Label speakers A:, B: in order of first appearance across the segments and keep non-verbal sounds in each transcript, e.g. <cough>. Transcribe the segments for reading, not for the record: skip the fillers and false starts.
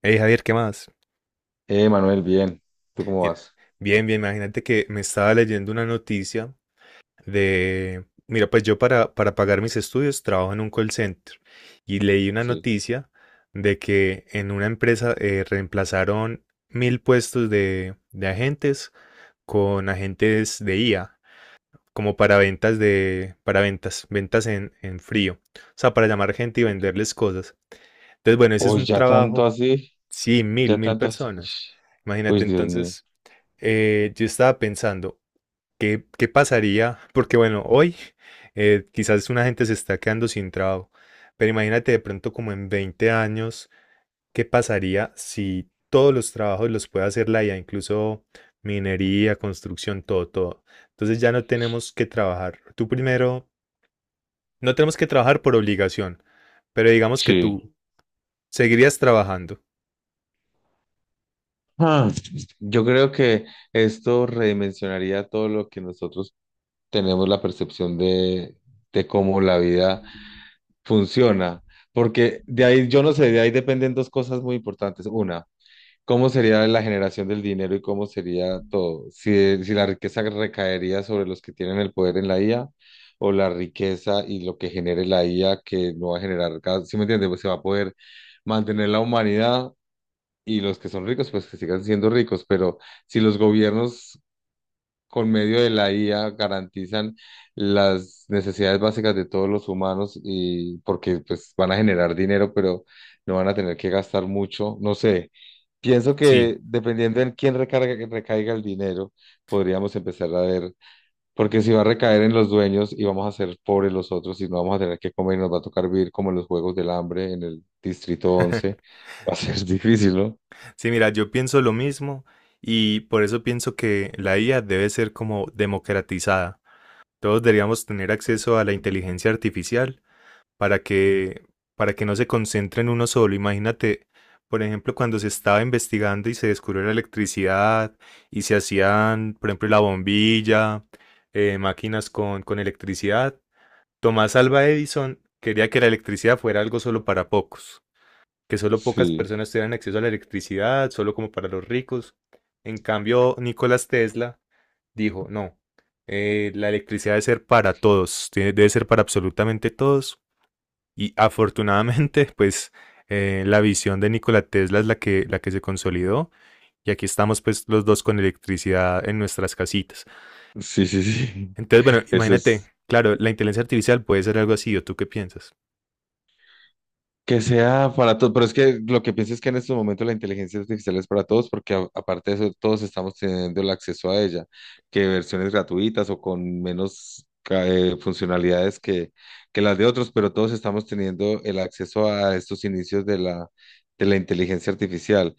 A: Hey Javier, ¿qué más?
B: Manuel, bien. ¿Tú cómo
A: Mira,
B: vas?
A: bien, bien, imagínate que me estaba leyendo una noticia de, mira, pues yo para pagar mis estudios trabajo en un call center y leí una
B: Sí,
A: noticia de que en una empresa reemplazaron 1000 puestos de agentes con agentes de IA, como para ventas de, para ventas, ventas en frío, o sea, para llamar gente y
B: ok.
A: venderles cosas. Entonces, bueno, ese es
B: Uy,
A: un
B: ya tanto
A: trabajo.
B: así,
A: Sí, mil,
B: ya
A: mil
B: tanto así. Uy,
A: personas.
B: uy,
A: Imagínate,
B: Dios mío.
A: entonces, yo estaba pensando, ¿qué, qué pasaría? <laughs> Porque bueno, hoy quizás una gente se está quedando sin trabajo, pero imagínate de pronto como en 20 años, ¿qué pasaría si todos los trabajos los puede hacer la IA, incluso minería, construcción, todo, todo? Entonces ya no tenemos que trabajar. Tú primero, no tenemos que trabajar por obligación, pero digamos que
B: Sí.
A: tú seguirías trabajando.
B: Ah, yo creo que esto redimensionaría todo lo que nosotros tenemos la percepción de cómo la vida funciona. Porque de ahí, yo no sé, de ahí dependen dos cosas muy importantes. Una, ¿cómo sería la generación del dinero y cómo sería todo? Si, si la riqueza recaería sobre los que tienen el poder en la IA o la riqueza y lo que genere la IA, que no va a generar, si, ¿sí me entiendes? Pues se va a poder mantener la humanidad y los que son ricos, pues que sigan siendo ricos, pero si los gobiernos con medio de la IA garantizan las necesidades básicas de todos los humanos y porque pues van a generar dinero, pero no van a tener que gastar mucho, no sé. Pienso
A: Sí.
B: que dependiendo en quién recarga, recaiga el dinero, podríamos empezar a ver, porque si va a recaer en los dueños y vamos a ser pobres los otros y no vamos a tener que comer y nos va a tocar vivir como en los Juegos del Hambre en el Distrito once, <laughs> va a ser <laughs> difícil, ¿no?
A: Sí, mira, yo pienso lo mismo y por eso pienso que la IA debe ser como democratizada. Todos deberíamos tener acceso a la inteligencia artificial para que, para que no se concentre en uno solo. Imagínate, por ejemplo, cuando se estaba investigando y se descubrió la electricidad y se hacían, por ejemplo, la bombilla, máquinas con electricidad. Tomás Alva Edison quería que la electricidad fuera algo solo para pocos, que solo pocas
B: Sí,
A: personas tuvieran acceso a la electricidad, solo como para los ricos. En cambio, Nicolás Tesla dijo, no, la electricidad debe ser para todos, debe ser para absolutamente todos. Y afortunadamente, <laughs> pues la visión de Nikola Tesla es la que se consolidó. Y aquí estamos pues los dos con electricidad en nuestras casitas.
B: sí, sí, sí.
A: Entonces, bueno,
B: Eso
A: imagínate,
B: es.
A: claro, la inteligencia artificial puede ser algo así, ¿o tú qué piensas?
B: Que sea para todos, pero es que lo que pienso es que en estos momentos la inteligencia artificial es para todos, porque aparte de eso, todos estamos teniendo el acceso a ella, que versiones gratuitas o con menos funcionalidades que las de otros, pero todos estamos teniendo el acceso a estos inicios de la inteligencia artificial.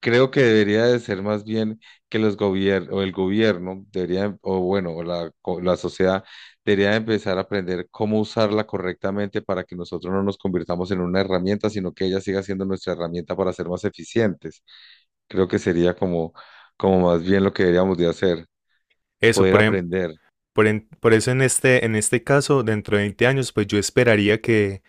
B: Creo que debería de ser más bien que los gobiernos, o el gobierno debería, o bueno, o la, la sociedad debería empezar a aprender cómo usarla correctamente para que nosotros no nos convirtamos en una herramienta, sino que ella siga siendo nuestra herramienta para ser más eficientes. Creo que sería como, como más bien lo que deberíamos de hacer,
A: Eso,
B: poder
A: por ejemplo.
B: aprender.
A: Por eso en este caso, dentro de 20 años, pues yo esperaría que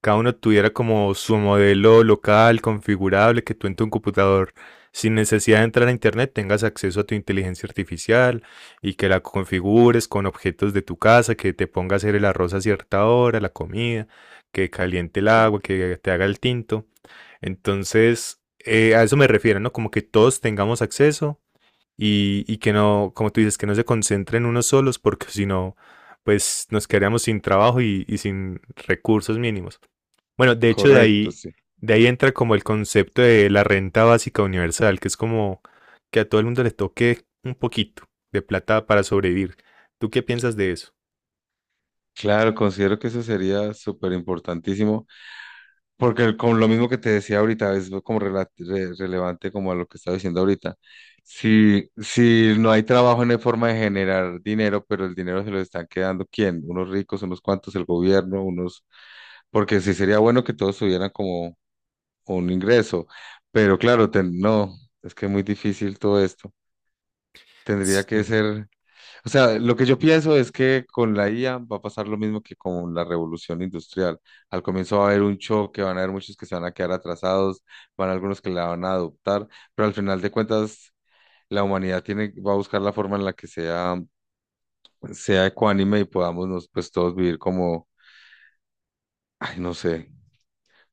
A: cada uno tuviera como su modelo local, configurable, que tú en tu computador, sin necesidad de entrar a internet, tengas acceso a tu inteligencia artificial y que la configures con objetos de tu casa, que te ponga a hacer el arroz a cierta hora, la comida, que caliente el agua, que te haga el tinto. Entonces, a eso me refiero, ¿no? Como que todos tengamos acceso y que no, como tú dices, que no se concentren en unos solos porque si no, pues nos quedaríamos sin trabajo y sin recursos mínimos. Bueno, de hecho
B: Correcto, sí.
A: de ahí entra como el concepto de la renta básica universal, que es como que a todo el mundo le toque un poquito de plata para sobrevivir. ¿Tú qué piensas de eso?
B: Claro, considero que eso sería súper importantísimo. Porque con lo mismo que te decía ahorita, es como relevante como a lo que estaba diciendo ahorita. Si, si no hay trabajo, no hay forma de generar dinero, pero el dinero se lo están quedando, ¿quién? Unos ricos, unos cuantos, el gobierno, unos... Porque sí sería bueno que todos tuvieran como un ingreso, pero claro, no, es que es muy difícil todo esto. Tendría que
A: Sí,
B: ser... O sea, lo que yo pienso es que con la IA va a pasar lo mismo que con la revolución industrial. Al comienzo va a haber un choque, van a haber muchos que se van a quedar atrasados, van a algunos que la van a adoptar, pero al final de cuentas la humanidad tiene, va a buscar la forma en la que sea, sea ecuánime y podamos pues todos vivir como, ay, no sé,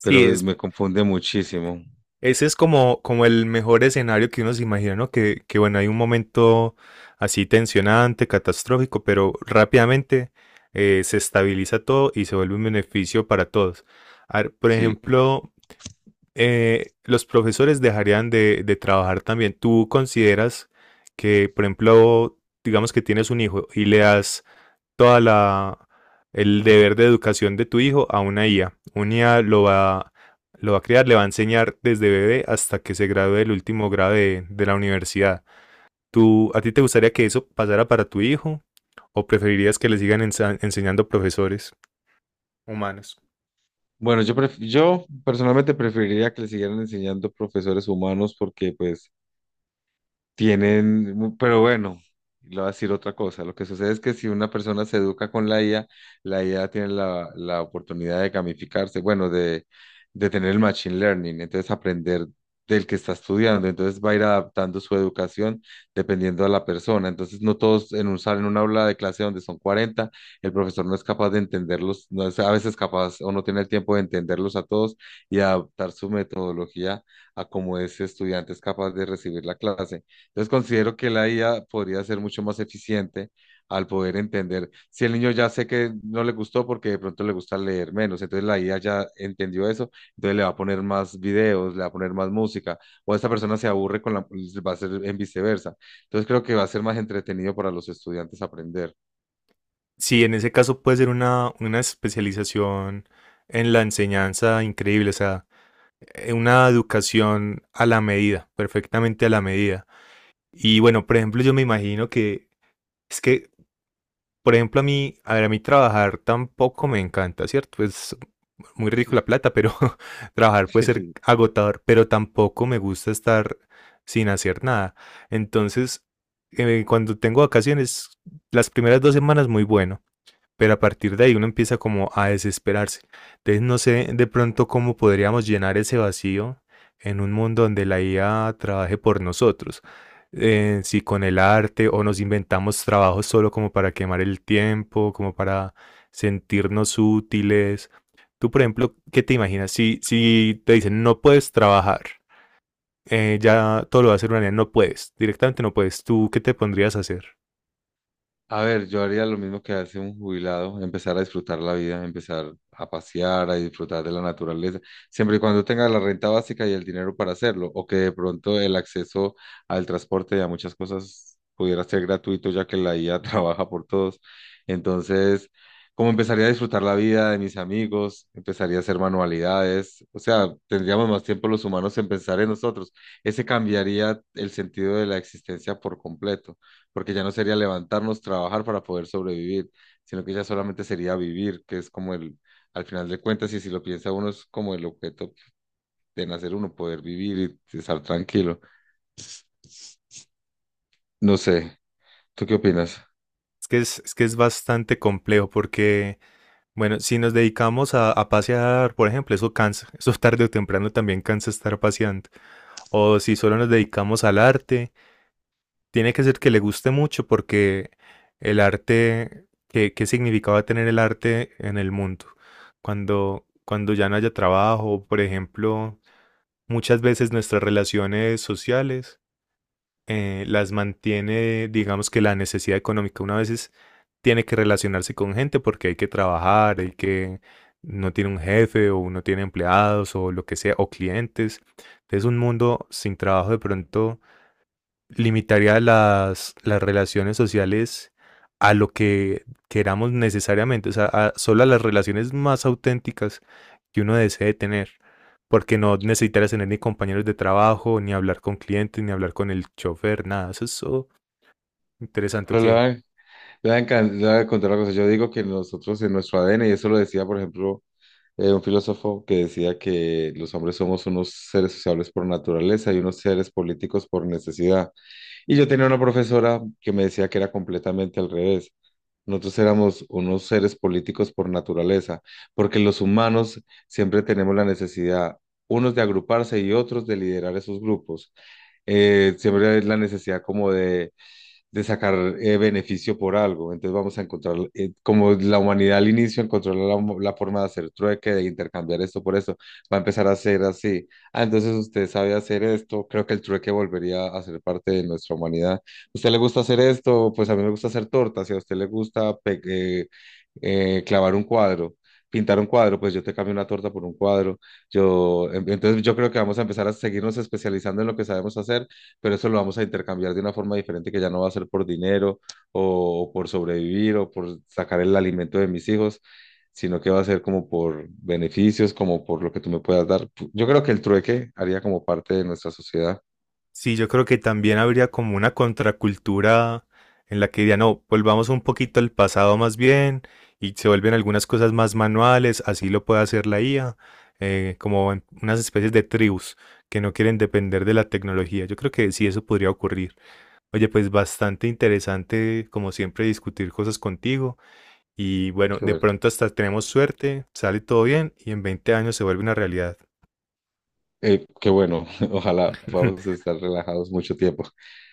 B: pero
A: es.
B: me confunde muchísimo.
A: Ese es como, como el mejor escenario que uno se imagina, ¿no? Que bueno, hay un momento así tensionante, catastrófico, pero rápidamente se estabiliza todo y se vuelve un beneficio para todos. A ver, por
B: Sí.
A: ejemplo, los profesores dejarían de trabajar también. ¿Tú consideras que, por ejemplo, digamos que tienes un hijo y le das toda la el deber de educación de tu hijo a una IA. Una IA lo va a crear, le va a enseñar desde bebé hasta que se gradúe del último grado de la universidad. ¿Tú, ¿a ti te gustaría que eso pasara para tu hijo? ¿O preferirías que le sigan enseñando profesores humanos?
B: Bueno, yo, yo personalmente preferiría que le siguieran enseñando profesores humanos porque pues tienen, pero bueno, le voy a decir otra cosa. Lo que sucede es que si una persona se educa con la IA, la IA tiene la oportunidad de gamificarse, bueno, de tener el machine learning, entonces aprender del que está estudiando, entonces va a ir adaptando su educación dependiendo de la persona. Entonces, no todos en un salón, en una aula de clase donde son 40, el profesor no es capaz de entenderlos, no es a veces capaz o no tiene el tiempo de entenderlos a todos y adaptar su metodología a cómo ese estudiante es capaz de recibir la clase. Entonces considero que la IA podría ser mucho más eficiente al poder entender. Si el niño ya sé que no le gustó porque de pronto le gusta leer menos, entonces la IA ya entendió eso, entonces le va a poner más videos, le va a poner más música, o esta persona se aburre con la, pues, va a ser en viceversa. Entonces creo que va a ser más entretenido para los estudiantes aprender.
A: Sí, en ese caso puede ser una especialización en la enseñanza increíble, o sea, una educación a la medida, perfectamente a la medida. Y bueno, por ejemplo, yo me imagino que es que por ejemplo, a mí, a ver, a mí trabajar tampoco me encanta, ¿cierto? Es muy rico
B: Sí.
A: la plata, pero <laughs> trabajar puede ser
B: <laughs>
A: agotador, pero tampoco me gusta estar sin hacer nada. Entonces, cuando tengo vacaciones, las primeras dos semanas muy bueno, pero a partir de ahí uno empieza como a desesperarse. Entonces no sé de pronto cómo podríamos llenar ese vacío en un mundo donde la IA trabaje por nosotros. Si con el arte o nos inventamos trabajos solo como para quemar el tiempo, como para sentirnos útiles. Tú, por ejemplo, ¿qué te imaginas? Si, si te dicen no puedes trabajar, ya todo lo va a hacer una IA, no puedes, directamente no puedes. ¿Tú qué te pondrías a hacer?
B: A ver, yo haría lo mismo que hace un jubilado, empezar a disfrutar la vida, empezar a pasear, a disfrutar de la naturaleza, siempre y cuando tenga la renta básica y el dinero para hacerlo, o que de pronto el acceso al transporte y a muchas cosas pudiera ser gratuito, ya que la IA <laughs> trabaja por todos. Entonces, como empezaría a disfrutar la vida de mis amigos, empezaría a hacer manualidades, o sea, tendríamos más tiempo los humanos en pensar en nosotros. Ese cambiaría el sentido de la existencia por completo porque ya no sería levantarnos, trabajar para poder sobrevivir, sino que ya solamente sería vivir, que es como el, al final de cuentas, y si lo piensa uno, es como el objeto de nacer uno, poder vivir y estar tranquilo. No sé, ¿tú qué opinas?
A: Es que es bastante complejo porque bueno, si nos dedicamos a pasear, por ejemplo, eso cansa, <laughs> eso tarde o temprano también cansa estar paseando. O si solo nos dedicamos al arte, tiene que ser que le guste mucho porque el arte, ¿qué, qué significado va a tener el arte en el mundo? Cuando, cuando ya no haya trabajo, por ejemplo, muchas veces nuestras relaciones sociales las mantiene, digamos que la necesidad económica. Tiene que relacionarse con gente porque hay que trabajar, hay que no tiene un jefe o no tiene empleados o lo que sea, o clientes. Es un mundo sin trabajo de pronto limitaría las relaciones sociales a lo que queramos necesariamente, o sea, solo a las relaciones más auténticas que uno desee tener, porque no necesitarías tener ni compañeros de trabajo, ni hablar con clientes, ni hablar con el chofer, nada. Eso es so interesante
B: Pero le voy
A: que
B: a, le voy a contar una cosa. Yo digo que nosotros en nuestro ADN, y eso lo decía, por ejemplo, un filósofo que decía que los hombres somos unos seres sociables por naturaleza y unos seres políticos por necesidad. Y yo tenía una profesora que me decía que era completamente al revés. Nosotros éramos unos seres políticos por naturaleza, porque los humanos siempre tenemos la necesidad, unos de agruparse y otros de liderar esos grupos. Siempre hay la necesidad como de sacar beneficio por algo. Entonces vamos a encontrar, como la humanidad al inicio encontró la, la forma de hacer trueque, de intercambiar esto por eso, va a empezar a ser así. Ah, entonces usted sabe hacer esto, creo que el trueque volvería a ser parte de nuestra humanidad. ¿Usted le gusta hacer esto? Pues a mí me gusta hacer tortas, si a usted le gusta clavar un cuadro. Pintar un cuadro, pues yo te cambio una torta por un cuadro. Yo, entonces yo creo que vamos a empezar a seguirnos especializando en lo que sabemos hacer pero eso lo vamos a intercambiar de una forma diferente que ya no va a ser por dinero o por sobrevivir o por sacar el alimento de mis hijos, sino que va a ser como por beneficios, como por lo que tú me puedas dar. Yo creo que el trueque haría como parte de nuestra sociedad.
A: sí, yo creo que también habría como una contracultura en la que diría, no, volvamos un poquito al pasado más bien y se vuelven algunas cosas más manuales, así lo puede hacer la IA, como en unas especies de tribus que no quieren depender de la tecnología. Yo creo que sí, eso podría ocurrir. Oye, pues bastante interesante, como siempre, discutir cosas contigo y bueno,
B: Qué
A: de
B: ver-
A: pronto hasta tenemos suerte, sale todo bien y en 20 años se vuelve una realidad.
B: Qué bueno, <laughs> ojalá podamos
A: <laughs>
B: estar relajados mucho tiempo.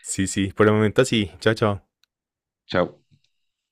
A: Sí, sí, por el momento así. Chao, chao.
B: Chao.